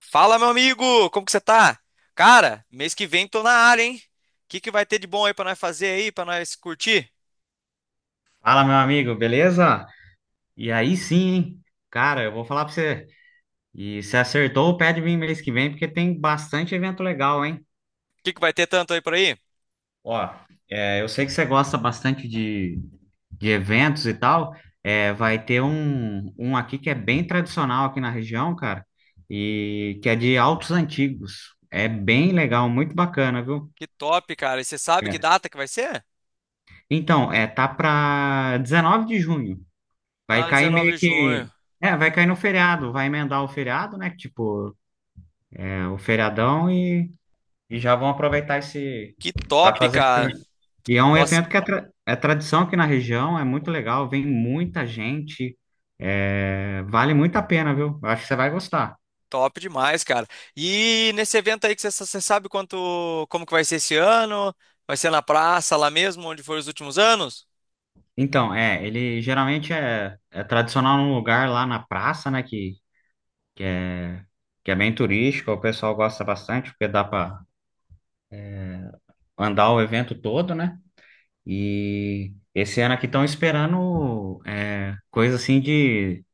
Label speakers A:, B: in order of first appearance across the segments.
A: Fala, meu amigo! Como que você tá? Cara, mês que vem tô na área, hein? O que que vai ter de bom aí pra nós fazer aí, pra nós curtir?
B: Fala, meu amigo, beleza? E aí sim, hein? Cara, eu vou falar pra você. E se acertou, pede vir mês que vem, porque tem bastante evento legal, hein?
A: O que que vai ter tanto aí por aí?
B: Ó, eu sei que você gosta bastante de eventos e tal. É, vai ter um aqui que é bem tradicional aqui na região, cara, e que é de autos antigos. É bem legal, muito bacana, viu?
A: Que top, cara! E você sabe que
B: É.
A: data que vai ser?
B: Então, tá pra 19 de junho. Vai
A: Ah,
B: cair
A: dezenove
B: meio
A: de junho.
B: que. É, vai cair no feriado, vai emendar o feriado, né? Tipo, o feriadão e já vão aproveitar esse.
A: Que
B: Para
A: top,
B: fazer.
A: cara!
B: E é um
A: Nossa,
B: evento que é tradição aqui na região, é muito legal, vem muita gente, vale muito a pena, viu? Eu acho que você vai gostar.
A: top demais, cara. E nesse evento aí que você sabe quanto, como que vai ser esse ano? Vai ser na praça, lá mesmo, onde foram os últimos anos?
B: Então, ele geralmente é tradicional num lugar lá na praça, né? Que é, que é bem turístico, o pessoal gosta bastante, porque dá para andar o evento todo, né? E esse ano aqui estão esperando coisa assim de,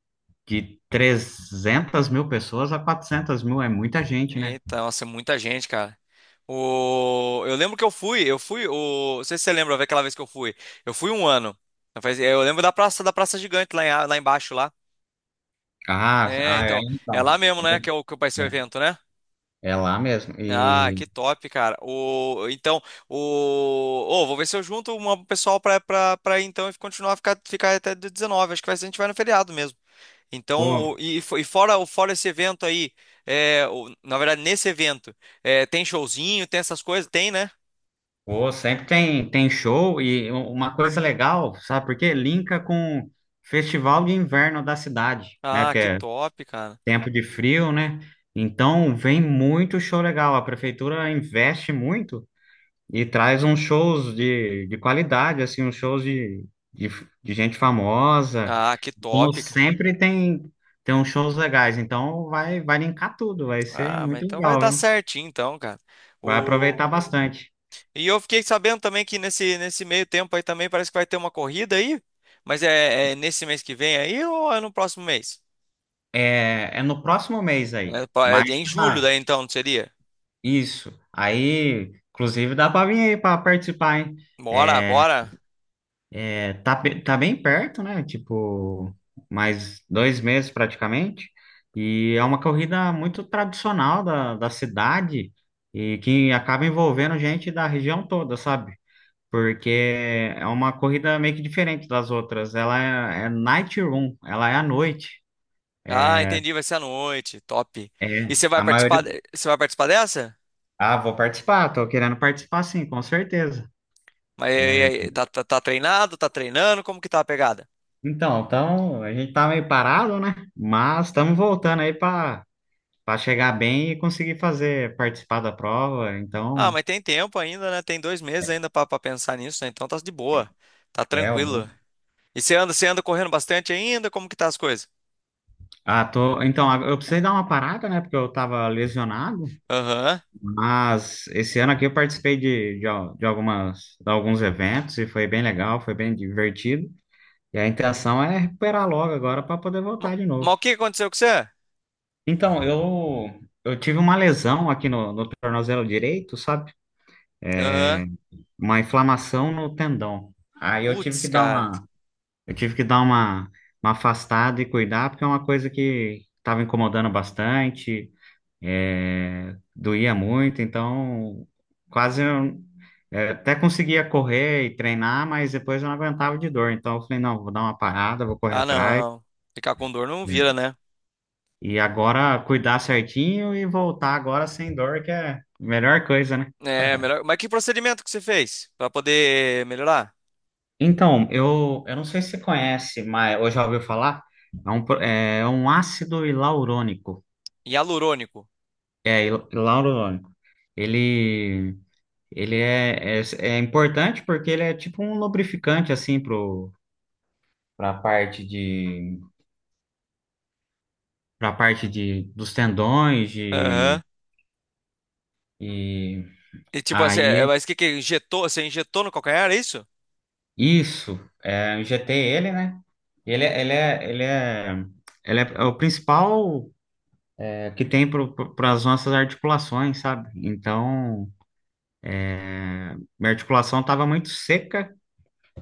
B: de 300 mil pessoas a 400 mil, é muita gente, né?
A: Eita, nossa, é muita gente, cara. O... Eu lembro que eu fui, o... não sei se você lembra, vai aquela vez que eu fui. Eu fui um ano. Eu lembro da Praça Gigante lá, lá embaixo, lá.
B: Ah,
A: É,
B: ah, é,
A: então, é lá
B: então.
A: mesmo, né, que, é o, que vai ser
B: É,
A: o
B: é-
A: evento, né?
B: É lá mesmo.
A: Ah,
B: E
A: que top, cara. O... Então, o... ô, vou ver se eu junto um pessoal pra ir, então e continuar a ficar até 19. Acho que vai ser, a gente vai no feriado mesmo. Então,
B: pô,
A: o- e, e fora, o- fora esse evento aí, é, o- na verdade, nesse evento, é, tem showzinho, tem essas coisas? Tem, né?
B: pô, sempre tem show e uma coisa legal, sabe por quê? Linka com festival de inverno da cidade, né?
A: Ah,
B: Porque
A: que
B: é
A: top, cara.
B: tempo de frio, né? Então, vem muito show legal. A prefeitura investe muito. E traz uns shows de qualidade, assim, uns shows de, de gente famosa.
A: Ah, que
B: Então,
A: top, cara.
B: sempre tem uns shows legais. Então, vai linkar tudo, vai ser
A: Ah, mas
B: muito
A: então vai
B: legal,
A: dar
B: viu?
A: certinho, então, cara.
B: Vai
A: O...
B: aproveitar bastante.
A: E eu fiquei sabendo também que nesse meio tempo aí também parece que vai ter uma corrida aí. Mas é, é nesse mês que vem aí ou é no próximo mês?
B: É no próximo mês aí.
A: É, pa- é
B: Mas
A: em julho
B: tá,
A: daí, então, não seria?
B: isso. Aí, inclusive, dá pra vir aí pra participar, hein?
A: Bora,
B: É,
A: bora.
B: é, tá, tá bem perto, né? Tipo, mais 2 meses praticamente. E é uma corrida muito tradicional da cidade e que acaba envolvendo gente da região toda, sabe? Porque é uma corrida meio que diferente das outras. Ela é night run, ela é à noite.
A: Ah, entendi, vai ser à noite. Top. E
B: É,
A: você vai
B: a maioria.
A: participar, você vai participar dessa?
B: Ah, vou participar, tô querendo participar sim, com certeza.
A: Mas e
B: É,
A: aí, tá treinado, tá treinando, como que tá a pegada?
B: então, a gente tá meio parado, né? Mas estamos voltando aí para chegar bem e conseguir fazer participar da prova.
A: Ah,
B: Então,
A: mas tem tempo ainda, né? Tem dois meses ainda pra pensar nisso, né? Então tá de boa, tá
B: é o
A: tranquilo.
B: bom.
A: E você anda correndo bastante ainda? Como que tá as coisas?
B: Ah, tô, então, eu precisei dar uma parada, né, porque eu estava lesionado,
A: Aham.
B: mas esse ano aqui eu participei de, al- de algumas de alguns eventos e foi bem legal, foi bem divertido. E a intenção é recuperar logo agora para poder
A: Ma-
B: voltar de novo.
A: Mas o que aconteceu com você?
B: Então, eu tive uma lesão aqui no tornozelo direito, sabe?
A: Aham.
B: Uma inflamação no tendão. Aí eu tive
A: Putz,
B: que dar uma
A: cara.
B: Eu tive que dar uma afastada e cuidar, porque é uma coisa que estava incomodando bastante, doía muito, então quase eu, até conseguia correr e treinar, mas depois eu não aguentava de dor. Então eu falei, não, vou dar uma parada, vou correr
A: Ah,
B: atrás,
A: não. Ficar com dor não vira,
B: né?
A: né?
B: E agora cuidar certinho e voltar agora sem dor, que é a melhor coisa, né?
A: É, melhor. Mas que procedimento que você fez pra poder melhorar?
B: Então, eu não sei se você conhece, mas ou já ouviu falar, é um ácido hialurônico.
A: Hialurônico.
B: É, e Lauro, Lone. ele, ele é importante porque ele é tipo um lubrificante, assim, para parte de, dos tendões,
A: Aham.
B: e
A: E tipo assim,
B: aí,
A: é-
B: é
A: mas o que que injetou? Você injetou no calcanhar, é isso?
B: isso, injetei ele, né? Ele, é- ele é, ele é, ele é o principal que tem para as nossas articulações, sabe? Então, minha articulação estava muito seca.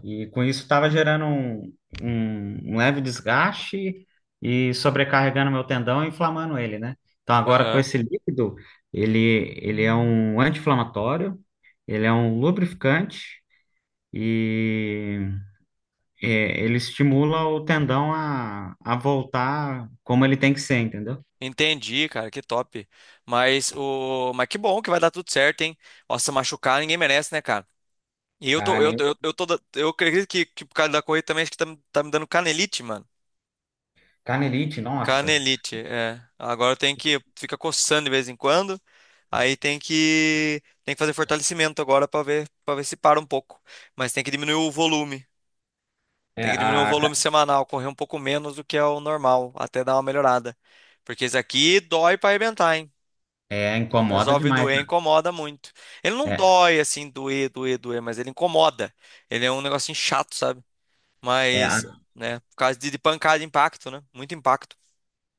B: E com isso estava gerando um, um leve desgaste e sobrecarregando meu tendão e inflamando ele, né? Então agora com
A: Aham.
B: esse líquido, ele é um anti-inflamatório, ele é um lubrificante e ele estimula o tendão a voltar como ele tem que ser, entendeu?
A: Entendi, cara, que top. Mas o, mas que bom que vai dar tudo certo, hein? Nossa, machucar ninguém merece, né, cara? E eu tô, eu
B: Carne,
A: tô, eu tô, da- eu acredito que por causa da corrida também acho que tá me dando canelite, mano.
B: canelite, nossa,
A: Canelite, é. Agora eu tenho que fica coçando de vez em quando. Aí tem que fazer fortalecimento agora para ver se para um pouco. Mas tem que diminuir o volume. Tem
B: é,
A: que diminuir o
B: a,
A: volume semanal, correr um pouco menos do que é o normal, até dar uma melhorada. Porque isso aqui dói pra arrebentar, hein? Quando
B: incomoda
A: resolve
B: demais,
A: doer,
B: né?
A: incomoda muito. Ele não
B: É,
A: dói assim, doer, mas ele incomoda. Ele é um negocinho chato, sabe?
B: é,
A: Mas,
B: a
A: né, por causa de pancada, impacto, né? Muito impacto.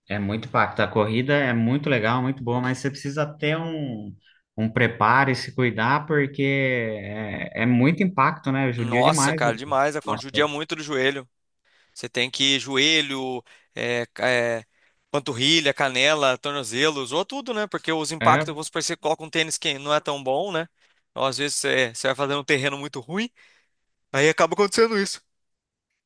B: É muito impacto. A corrida é muito legal, muito boa, mas você precisa ter um preparo e se cuidar, porque é muito impacto, né? Judia
A: Nossa,
B: demais o
A: cara, demais. A conta
B: nosso
A: judia
B: corpo.
A: muito do joelho. Você tem que ir joelho, é, ca- é, panturrilha, canela, tornozelo, usou tudo, né? Porque os
B: É,
A: impactos, vamos supor, você coloca um tênis que não é tão bom, né? Ou às vezes você vai fazendo um terreno muito ruim, aí acaba acontecendo isso.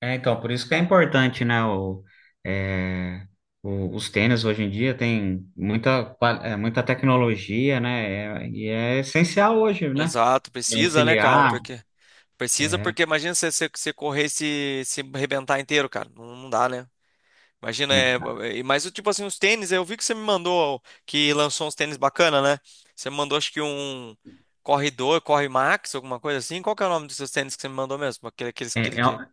B: então, por isso que é importante, né? É, os tênis hoje em dia tem muita tecnologia, né? É essencial hoje, né?
A: Exato,
B: Pra
A: precisa, né, cara?
B: auxiliar.
A: Porque precisa,
B: É,
A: porque imagina você correr e se arrebentar inteiro, cara. Não, não dá, né? Imagina,
B: né?
A: é, é, mas o tipo assim, os tênis, eu vi que você me mandou, que lançou uns tênis bacana, né? Você me mandou, acho que um Corredor, Corre Max, alguma coisa assim. Qual que é o nome dos seus tênis que você me mandou mesmo? Aquele
B: É, é,
A: que...
B: o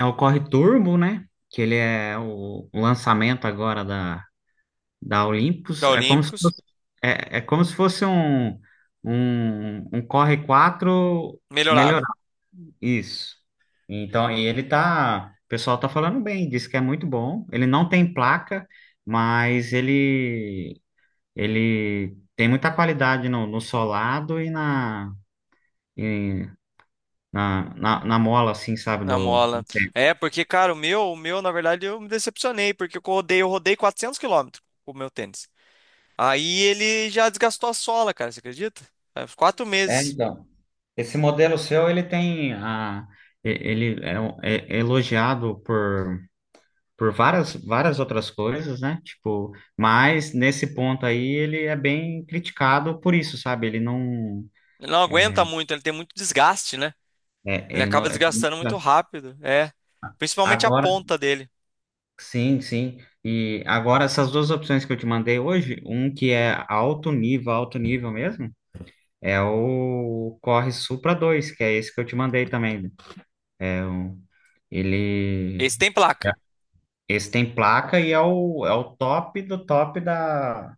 B: é o corre turbo, né? Que ele é o lançamento agora da Olympus.
A: Da
B: É como se
A: Olímpicos,
B: fosse um Corre 4 melhorado.
A: melhorado.
B: Isso. Então, e ele tá, o pessoal tá falando bem, diz que é muito bom. Ele não tem placa, mas ele tem muita qualidade no solado e e na mola, assim, sabe?
A: Na
B: Do.
A: mola. É, porque, cara, o meu, na verdade, eu me decepcionei, porque eu rodei 400 quilômetros com o meu tênis. Aí ele já desgastou a sola, cara, você acredita? Faz quatro
B: É,
A: meses.
B: então. Esse modelo seu, ele tem a, e- ele é, um- é elogiado por várias outras coisas, né? Tipo, mas nesse ponto aí ele é bem criticado por isso, sabe? Ele não,
A: Ele não aguenta muito, ele tem muito desgaste, né?
B: é,
A: Ele
B: ele não.
A: acaba
B: é-
A: desgastando muito rápido. É. Principalmente a
B: Agora,
A: ponta dele.
B: sim, sim. E agora essas duas opções que eu te mandei hoje, um que é alto nível mesmo, é o Corre Supra 2, que é esse que eu te mandei também. É o, ele
A: Esse tem placa.
B: Esse tem placa e é o top do top da,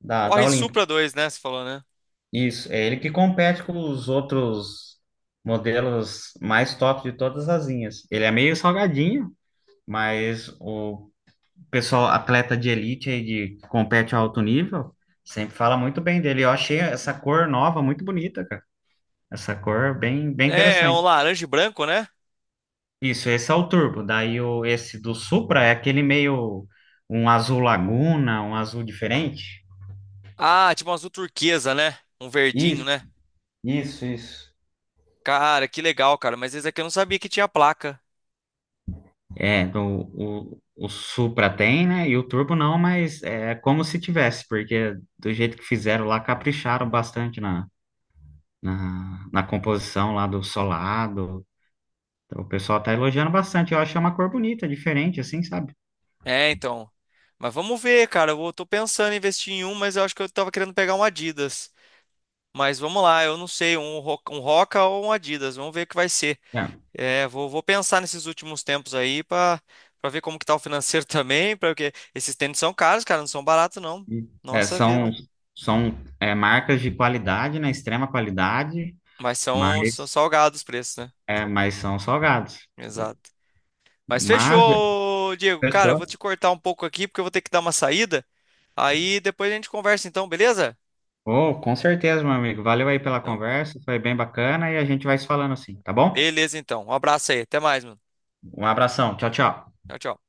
B: da, da
A: Corre
B: Olímpia.
A: Supra dois, né? Você falou, né?
B: Isso, é ele que compete com os outros modelos mais top de todas as linhas. Ele é meio salgadinho, mas o pessoal atleta de elite aí de que compete a alto nível sempre fala muito bem dele. Eu achei essa cor nova muito bonita, cara. Essa cor bem, bem
A: É, é um
B: interessante.
A: laranja e branco, né?
B: Isso, esse é o turbo. Esse do Supra é aquele meio um azul laguna, um azul diferente.
A: Ah, tipo um azul turquesa, né? Um verdinho,
B: Isso,
A: né?
B: isso, isso.
A: Cara, que legal, cara. Mas esse aqui eu não sabia que tinha placa.
B: É, do- o Supra tem, né? E o Turbo não, mas é como se tivesse, porque do jeito que fizeram lá, capricharam bastante na composição lá do solado. O pessoal tá elogiando bastante. Eu achei uma cor bonita, diferente, assim, sabe?
A: É, então. Mas vamos ver, cara. Eu vou- tô pensando em investir em um, mas eu acho que eu tava querendo pegar um Adidas. Mas vamos lá, eu não sei, um, Ro- um Roca ou um Adidas. Vamos ver o que vai ser.
B: É,
A: É, vou pensar nesses últimos tempos aí pra para ver como que tá o financeiro também, para porque esses tênis são caros, cara, não são baratos não.
B: e- é,
A: Nossa
B: são
A: vida.
B: são marcas de qualidade, né? Extrema qualidade,
A: Mas são
B: mas,
A: salgados os preços, né?
B: mas são salgados.
A: Exato. Mas
B: Mas,
A: fechou, Diego. Cara, eu vou te
B: fechou.
A: cortar um pouco aqui porque eu vou ter que dar uma saída. Aí depois a gente conversa então, beleza?
B: Oh, com certeza, meu amigo. Valeu aí pela
A: Então,
B: conversa, foi bem bacana e a gente vai se falando assim, tá bom?
A: beleza então. Um abraço aí, até mais, mano.
B: Um abração. Tchau, tchau.
A: Tchau, tchau.